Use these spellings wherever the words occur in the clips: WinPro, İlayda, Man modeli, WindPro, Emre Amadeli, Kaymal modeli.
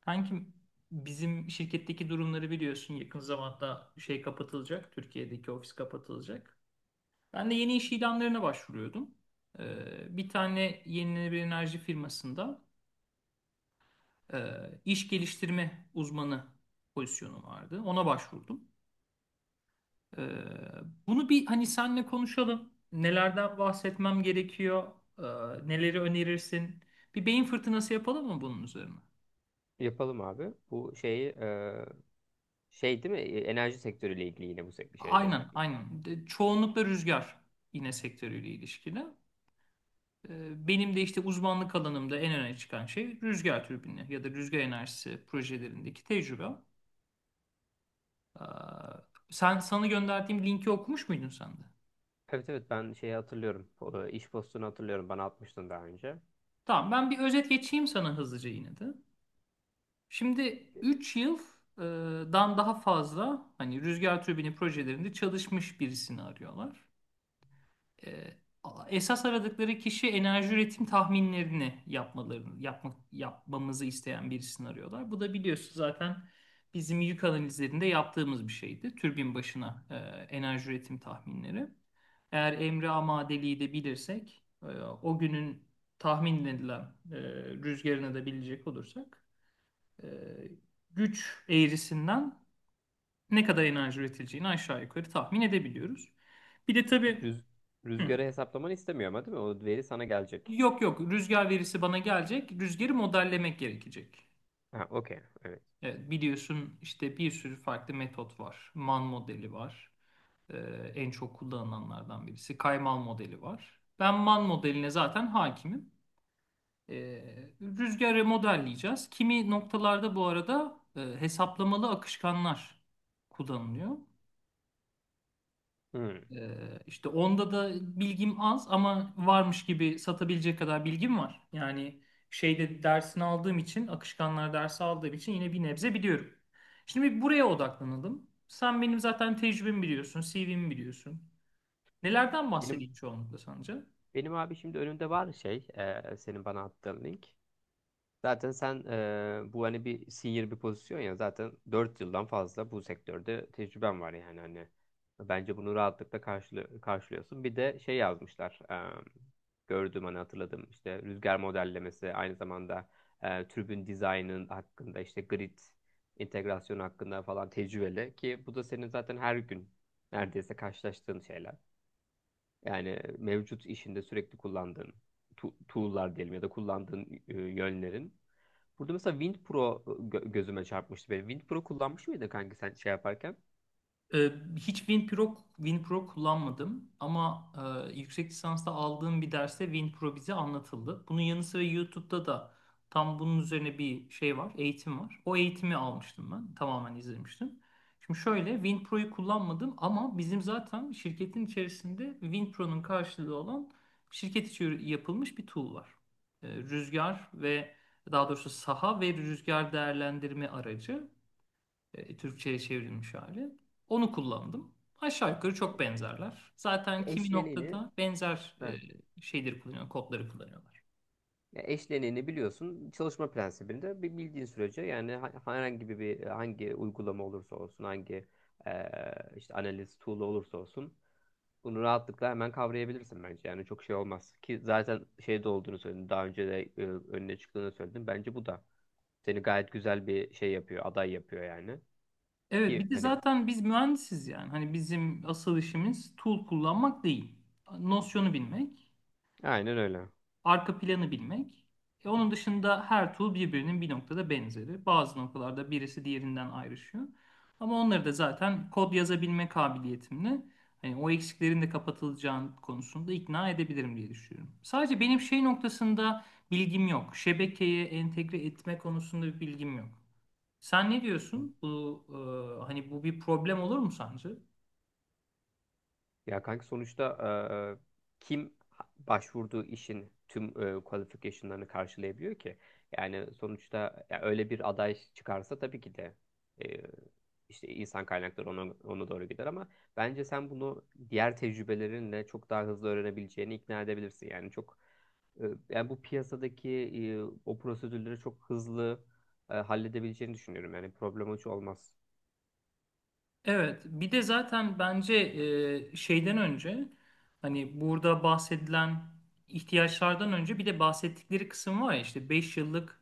Kankim bizim şirketteki durumları biliyorsun yakın zamanda şey kapatılacak. Türkiye'deki ofis kapatılacak. Ben de yeni iş ilanlarına başvuruyordum. Bir tane yenilenebilir enerji firmasında e, iş geliştirme uzmanı pozisyonu vardı. Ona başvurdum. Ee, Bunu bir hani senle konuşalım. Nelerden bahsetmem gerekiyor? Ee, Neleri önerirsin? Bir beyin fırtınası yapalım mı bunun üzerine? Yapalım abi. Bu şeyi şey değil mi? Enerji sektörüyle ilgili yine bu şeyde. Aynen, aynen. Çoğunlukla rüzgar yine sektörüyle ilişkili. Benim de işte uzmanlık alanımda en öne çıkan şey rüzgar türbini ya da rüzgar enerjisi projelerindeki tecrübe. Ee, sana gönderdiğim linki okumuş muydun sen de? Evet, evet, ben şeyi hatırlıyorum. O, iş postunu hatırlıyorum. Bana atmıştın daha önce. Tamam, ben bir özet geçeyim sana hızlıca yine de. Şimdi 3 yıldan daha fazla hani rüzgar türbini projelerinde çalışmış birisini arıyorlar. e, Esas aradıkları kişi enerji üretim tahminlerini yapmalarını yapmak yapmamızı isteyen birisini arıyorlar. Bu da biliyorsun zaten bizim yük analizlerinde yaptığımız bir şeydi. Türbin başına enerji üretim tahminleri. Eğer Emre Amadeli'yi de bilirsek, o günün tahmin edilen e, rüzgarını da bilecek olursak, e, güç eğrisinden ne kadar enerji üretileceğini aşağı yukarı tahmin edebiliyoruz. Bir de tabii Rüz hı, Rüzgarı hesaplamanı istemiyor ama değil mi? O veri sana gelecek. yok yok, rüzgar verisi bana gelecek. Rüzgarı modellemek gerekecek. Ha, okey. Evet. Evet, biliyorsun işte bir sürü farklı metot var. Man modeli var. Ee, En çok kullanılanlardan birisi. Kaymal modeli var. Ben man modeline zaten hakimim. Rüzgarı modelleyeceğiz. Kimi noktalarda bu arada hesaplamalı akışkanlar kullanılıyor. Hmm. İşte onda da bilgim az ama varmış gibi satabilecek kadar bilgim var. Yani şeyde dersini aldığım için, akışkanlar dersi aldığım için yine bir nebze biliyorum. Şimdi bir buraya odaklanalım. Sen benim zaten tecrübemi biliyorsun, CV'mi biliyorsun. Nelerden Benim bahsedeyim çoğunlukla sence? benim abi, şimdi önümde var şey, senin bana attığın link. Zaten sen, bu hani bir senior bir pozisyon ya, zaten 4 yıldan fazla bu sektörde tecrüben var, yani hani bence bunu rahatlıkla karşılıyorsun. Bir de şey yazmışlar, gördüm, hani hatırladım, işte rüzgar modellemesi, aynı zamanda türbün dizaynının hakkında, işte grid entegrasyonu hakkında falan tecrübeli ki bu da senin zaten her gün neredeyse karşılaştığın şeyler. Yani mevcut işinde sürekli kullandığın tool'lar diyelim, ya da kullandığın yönlerin. Burada mesela WindPro gözüme çarpmıştı benim. WindPro kullanmış mıydın kanki sen şey yaparken? Ee, Hiç WinPro kullanmadım ama yüksek lisansta aldığım bir derste WinPro bize anlatıldı. Bunun yanı sıra YouTube'da da tam bunun üzerine bir şey var, eğitim var. O eğitimi almıştım ben, tamamen izlemiştim. Şimdi şöyle WinPro'yu kullanmadım ama bizim zaten şirketin içerisinde WinPro'nun karşılığı olan şirket içi yapılmış bir tool var. Rüzgar ve daha doğrusu saha ve rüzgar değerlendirme aracı Türkçe'ye çevrilmiş hali. Onu kullandım. Aşağı yukarı çok benzerler. Zaten kimi Eşleniğini, noktada benzer heh, şeyleri kullanıyor, kodları kullanıyorlar. ya eşleniğini biliyorsun. Çalışma prensibinde bir bildiğin sürece, yani herhangi hangi uygulama olursa olsun, hangi e, işte analiz tool olursa olsun, bunu rahatlıkla hemen kavrayabilirsin bence. Yani çok şey olmaz ki, zaten şeyde olduğunu söyledim. Daha önce de önüne çıktığını söyledim. Bence bu da seni gayet güzel bir şey yapıyor, aday yapıyor yani. Evet, Ki bir de hani zaten biz mühendisiz yani. Hani bizim asıl işimiz tool kullanmak değil. Nosyonu bilmek, aynen öyle. arka planı bilmek. E, onun dışında her tool birbirinin bir noktada benzeri. Bazı noktalarda birisi diğerinden ayrışıyor. Ama onları da zaten kod yazabilme kabiliyetimle hani o eksiklerin de kapatılacağını konusunda ikna edebilirim diye düşünüyorum. Sadece benim şey noktasında bilgim yok. Şebekeye entegre etme konusunda bir bilgim yok. Sen ne diyorsun? Bu hani bu bir problem olur mu sence? Ya kanka, sonuçta kim başvurduğu işin tüm qualification'larını karşılayabiliyor ki? Yani sonuçta ya öyle bir aday çıkarsa tabii ki de, e, işte insan kaynakları ona doğru gider, ama bence sen bunu diğer tecrübelerinle çok daha hızlı öğrenebileceğini ikna edebilirsin. Yani çok, e, yani bu piyasadaki, e, o prosedürleri çok hızlı halledebileceğini düşünüyorum. Yani problem hiç olmaz. Evet, bir de zaten bence şeyden önce hani burada bahsedilen ihtiyaçlardan önce bir de bahsettikleri kısım var ya işte 5 yıllık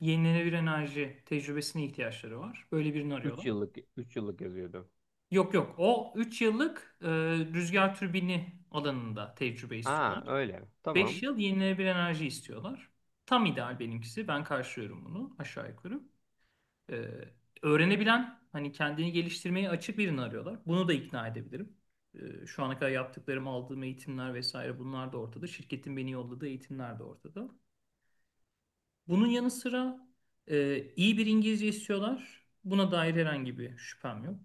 yenilenebilir enerji tecrübesine ihtiyaçları var. Böyle birini arıyorlar. Üç yıllık yazıyordu. Yok yok, o 3 yıllık rüzgar türbini alanında tecrübe Aa, istiyorlar. öyle. 5 Tamam. yıl yenilenebilir enerji istiyorlar. Tam ideal benimkisi. Ben karşılıyorum bunu aşağı yukarı. Ee, Öğrenebilen, hani kendini geliştirmeye açık birini arıyorlar. Bunu da ikna edebilirim. Şu ana kadar yaptıklarım, aldığım eğitimler vesaire bunlar da ortada. Şirketin beni yolladığı eğitimler de ortada. Bunun yanı sıra iyi bir İngilizce istiyorlar. Buna dair herhangi bir şüphem yok.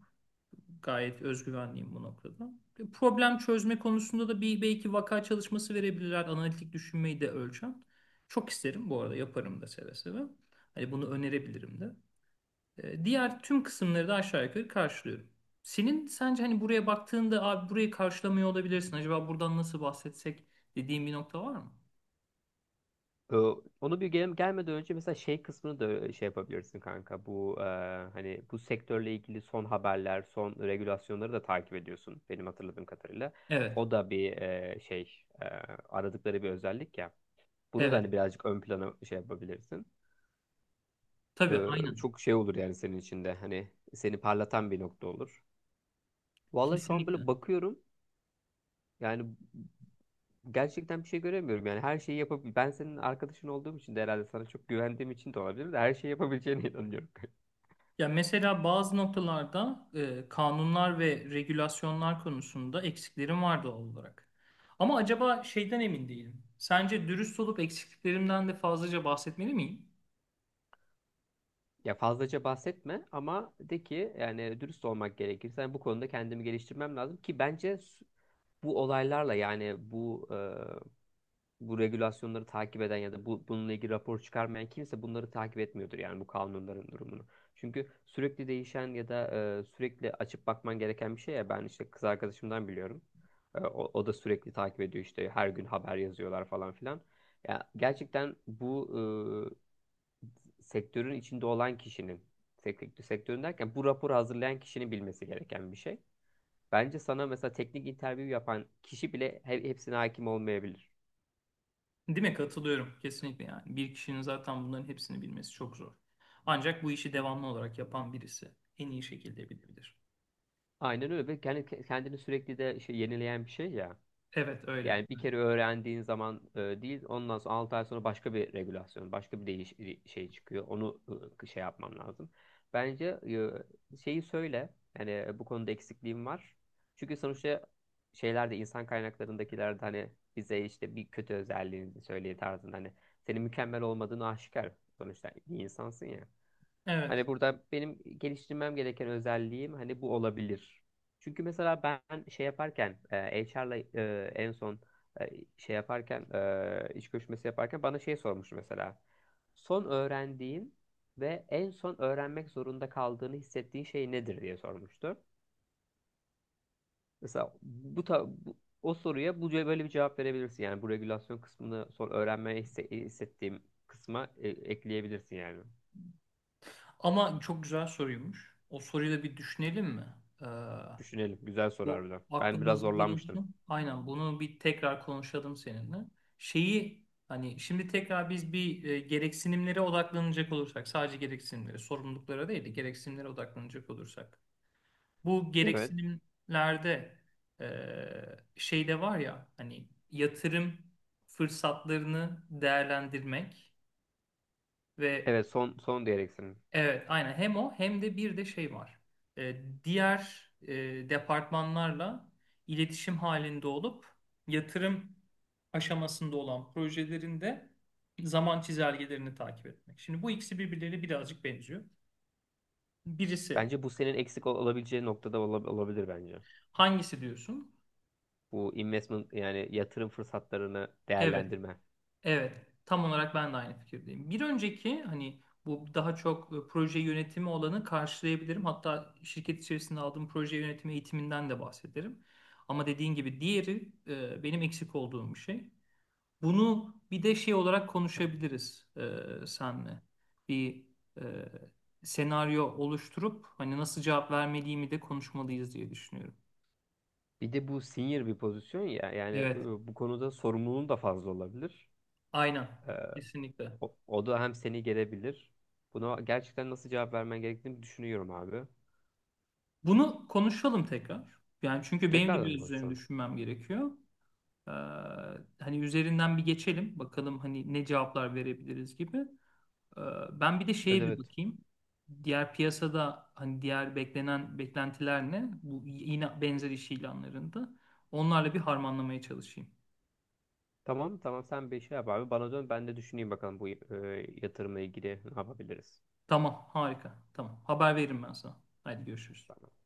Gayet özgüvenliyim bu noktada. E, problem çözme konusunda da bir belki vaka çalışması verebilirler. Analitik düşünmeyi de ölçen. Çok isterim bu arada, yaparım da seve seve. Hani bunu önerebilirim de. E, diğer tüm kısımları da aşağı yukarı karşılıyorum. Senin sence hani buraya baktığında abi burayı karşılamıyor olabilirsin. Acaba buradan nasıl bahsetsek dediğin bir nokta var mı? Ee, onu bir gelmeden önce mesela şey kısmını da şey yapabilirsin kanka. Bu, hani bu sektörle ilgili son haberler, son regülasyonları da takip ediyorsun benim hatırladığım kadarıyla. Evet. O da bir şey, aradıkları bir özellik ya. Bunu da hani Evet. birazcık ön plana şey yapabilirsin. Tabii, aynen. Çok şey olur yani, senin içinde hani seni parlatan bir nokta olur. Vallahi şu an Kesinlikle. böyle bakıyorum yani, gerçekten bir şey göremiyorum, yani her şeyi yapabilir. Ben senin arkadaşın olduğum için de herhalde, sana çok güvendiğim için de olabilir, de her şeyi yapabileceğine inanıyorum. Ya mesela bazı noktalarda kanunlar ve regülasyonlar konusunda eksiklerim var doğal olarak. Ama acaba şeyden emin değilim. Sence dürüst olup eksikliklerimden de fazlaca bahsetmeli miyim? Ya fazlaca bahsetme, ama de ki yani dürüst olmak gerekirse, yani bu konuda kendimi geliştirmem lazım ki bence bu olaylarla, yani bu regülasyonları takip eden ya da bu, bununla ilgili rapor çıkarmayan kimse bunları takip etmiyordur, yani bu kanunların durumunu. Çünkü sürekli değişen ya da sürekli açıp bakman gereken bir şey ya, ben işte kız arkadaşımdan biliyorum. O, o da sürekli takip ediyor, işte her gün haber yazıyorlar falan filan. Ya gerçekten bu sektörün içinde olan kişinin, sektörün derken bu raporu hazırlayan kişinin bilmesi gereken bir şey. Bence sana mesela teknik interview yapan kişi bile hepsine hakim olmayabilir. Değil mi? Katılıyorum. Kesinlikle yani. Bir kişinin zaten bunların hepsini bilmesi çok zor. Ancak bu işi devamlı olarak yapan birisi en iyi şekilde bilebilir. Aynen öyle, ve kendi kendini sürekli de şey, yenileyen bir şey ya. Evet öyle. Yani bir kere öğrendiğin zaman değil, ondan sonra 6 ay sonra başka bir regülasyon, başka bir değiş şey çıkıyor. Onu şey yapmam lazım. Bence şeyi söyle. Yani, bu konuda eksikliğim var. Çünkü sonuçta şeylerde, insan kaynaklarındakilerde hani bize işte bir kötü özelliğini söyleye tarzında, hani senin mükemmel olmadığını aşikar. Sonuçta bir insansın ya. Evet. Hani burada benim geliştirmem gereken özelliğim hani bu olabilir. Çünkü mesela ben şey yaparken, HR'la, en son, e, şey yaparken, iş görüşmesi yaparken bana şey sormuştu mesela. Son öğrendiğin ve en son öğrenmek zorunda kaldığını hissettiğin şey nedir diye sormuştu. Mesela bu, o soruya bu böyle bir cevap verebilirsin. Yani bu regülasyon kısmını son öğrenmeye hissettiğim kısma ekleyebilirsin yani. Ama çok güzel soruymuş. O soruyu da bir düşünelim mi? Ee, Düşünelim. Güzel soru Bu harbiden. Ben biraz aklımızda zorlanmıştım. bulunsun. Aynen, bunu bir tekrar konuşalım seninle. Şeyi hani şimdi tekrar biz bir gereksinimlere odaklanacak olursak, sadece gereksinimlere sorumluluklara değil de gereksinimlere odaklanacak olursak. Bu Evet. gereksinimlerde şey de var ya hani yatırım fırsatlarını değerlendirmek ve Evet, son son diyerek. evet aynen hem o hem de bir de şey var. Diğer departmanlarla iletişim halinde olup yatırım aşamasında olan projelerinde zaman çizelgelerini takip etmek. Şimdi bu ikisi birbirleriyle birazcık benziyor. Birisi Bence bu senin eksik olabileceği noktada olabilir bence. hangisi diyorsun? Bu investment, yani yatırım fırsatlarını Evet. değerlendirme. Evet, tam olarak ben de aynı fikirdeyim. Bir önceki hani bu daha çok proje yönetimi olanı karşılayabilirim. Hatta şirket içerisinde aldığım proje yönetimi eğitiminden de bahsederim. Ama dediğin gibi diğeri benim eksik olduğum bir şey. Bunu bir de şey olarak konuşabiliriz senle. Bir e, senaryo oluşturup hani nasıl cevap vermediğimi de konuşmalıyız diye düşünüyorum. Bir de bu senior bir pozisyon ya, yani Evet, bu konuda sorumluluğun da fazla olabilir. aynen. Ee, Kesinlikle. o, o da hem seni gelebilir. Buna gerçekten nasıl cevap vermen gerektiğini düşünüyorum abi. Bunu konuşalım tekrar. Yani çünkü benim de Tekrardan mı biraz üzerine konuşalım? düşünmem gerekiyor. Ee, Hani üzerinden bir geçelim. Bakalım hani ne cevaplar verebiliriz gibi. Ee, Ben bir de Evet, şeye bir evet. bakayım. Diğer piyasada hani diğer beklentiler ne? Bu yine benzer iş ilanlarında. Onlarla bir harmanlamaya çalışayım. Tamam, tamam, sen bir şey yap abi. Bana dön, ben de düşüneyim bakalım bu, yatırımla ilgili ne yapabiliriz. Tamam, harika. Tamam. Haber veririm ben sana. Hadi görüşürüz. Tamam.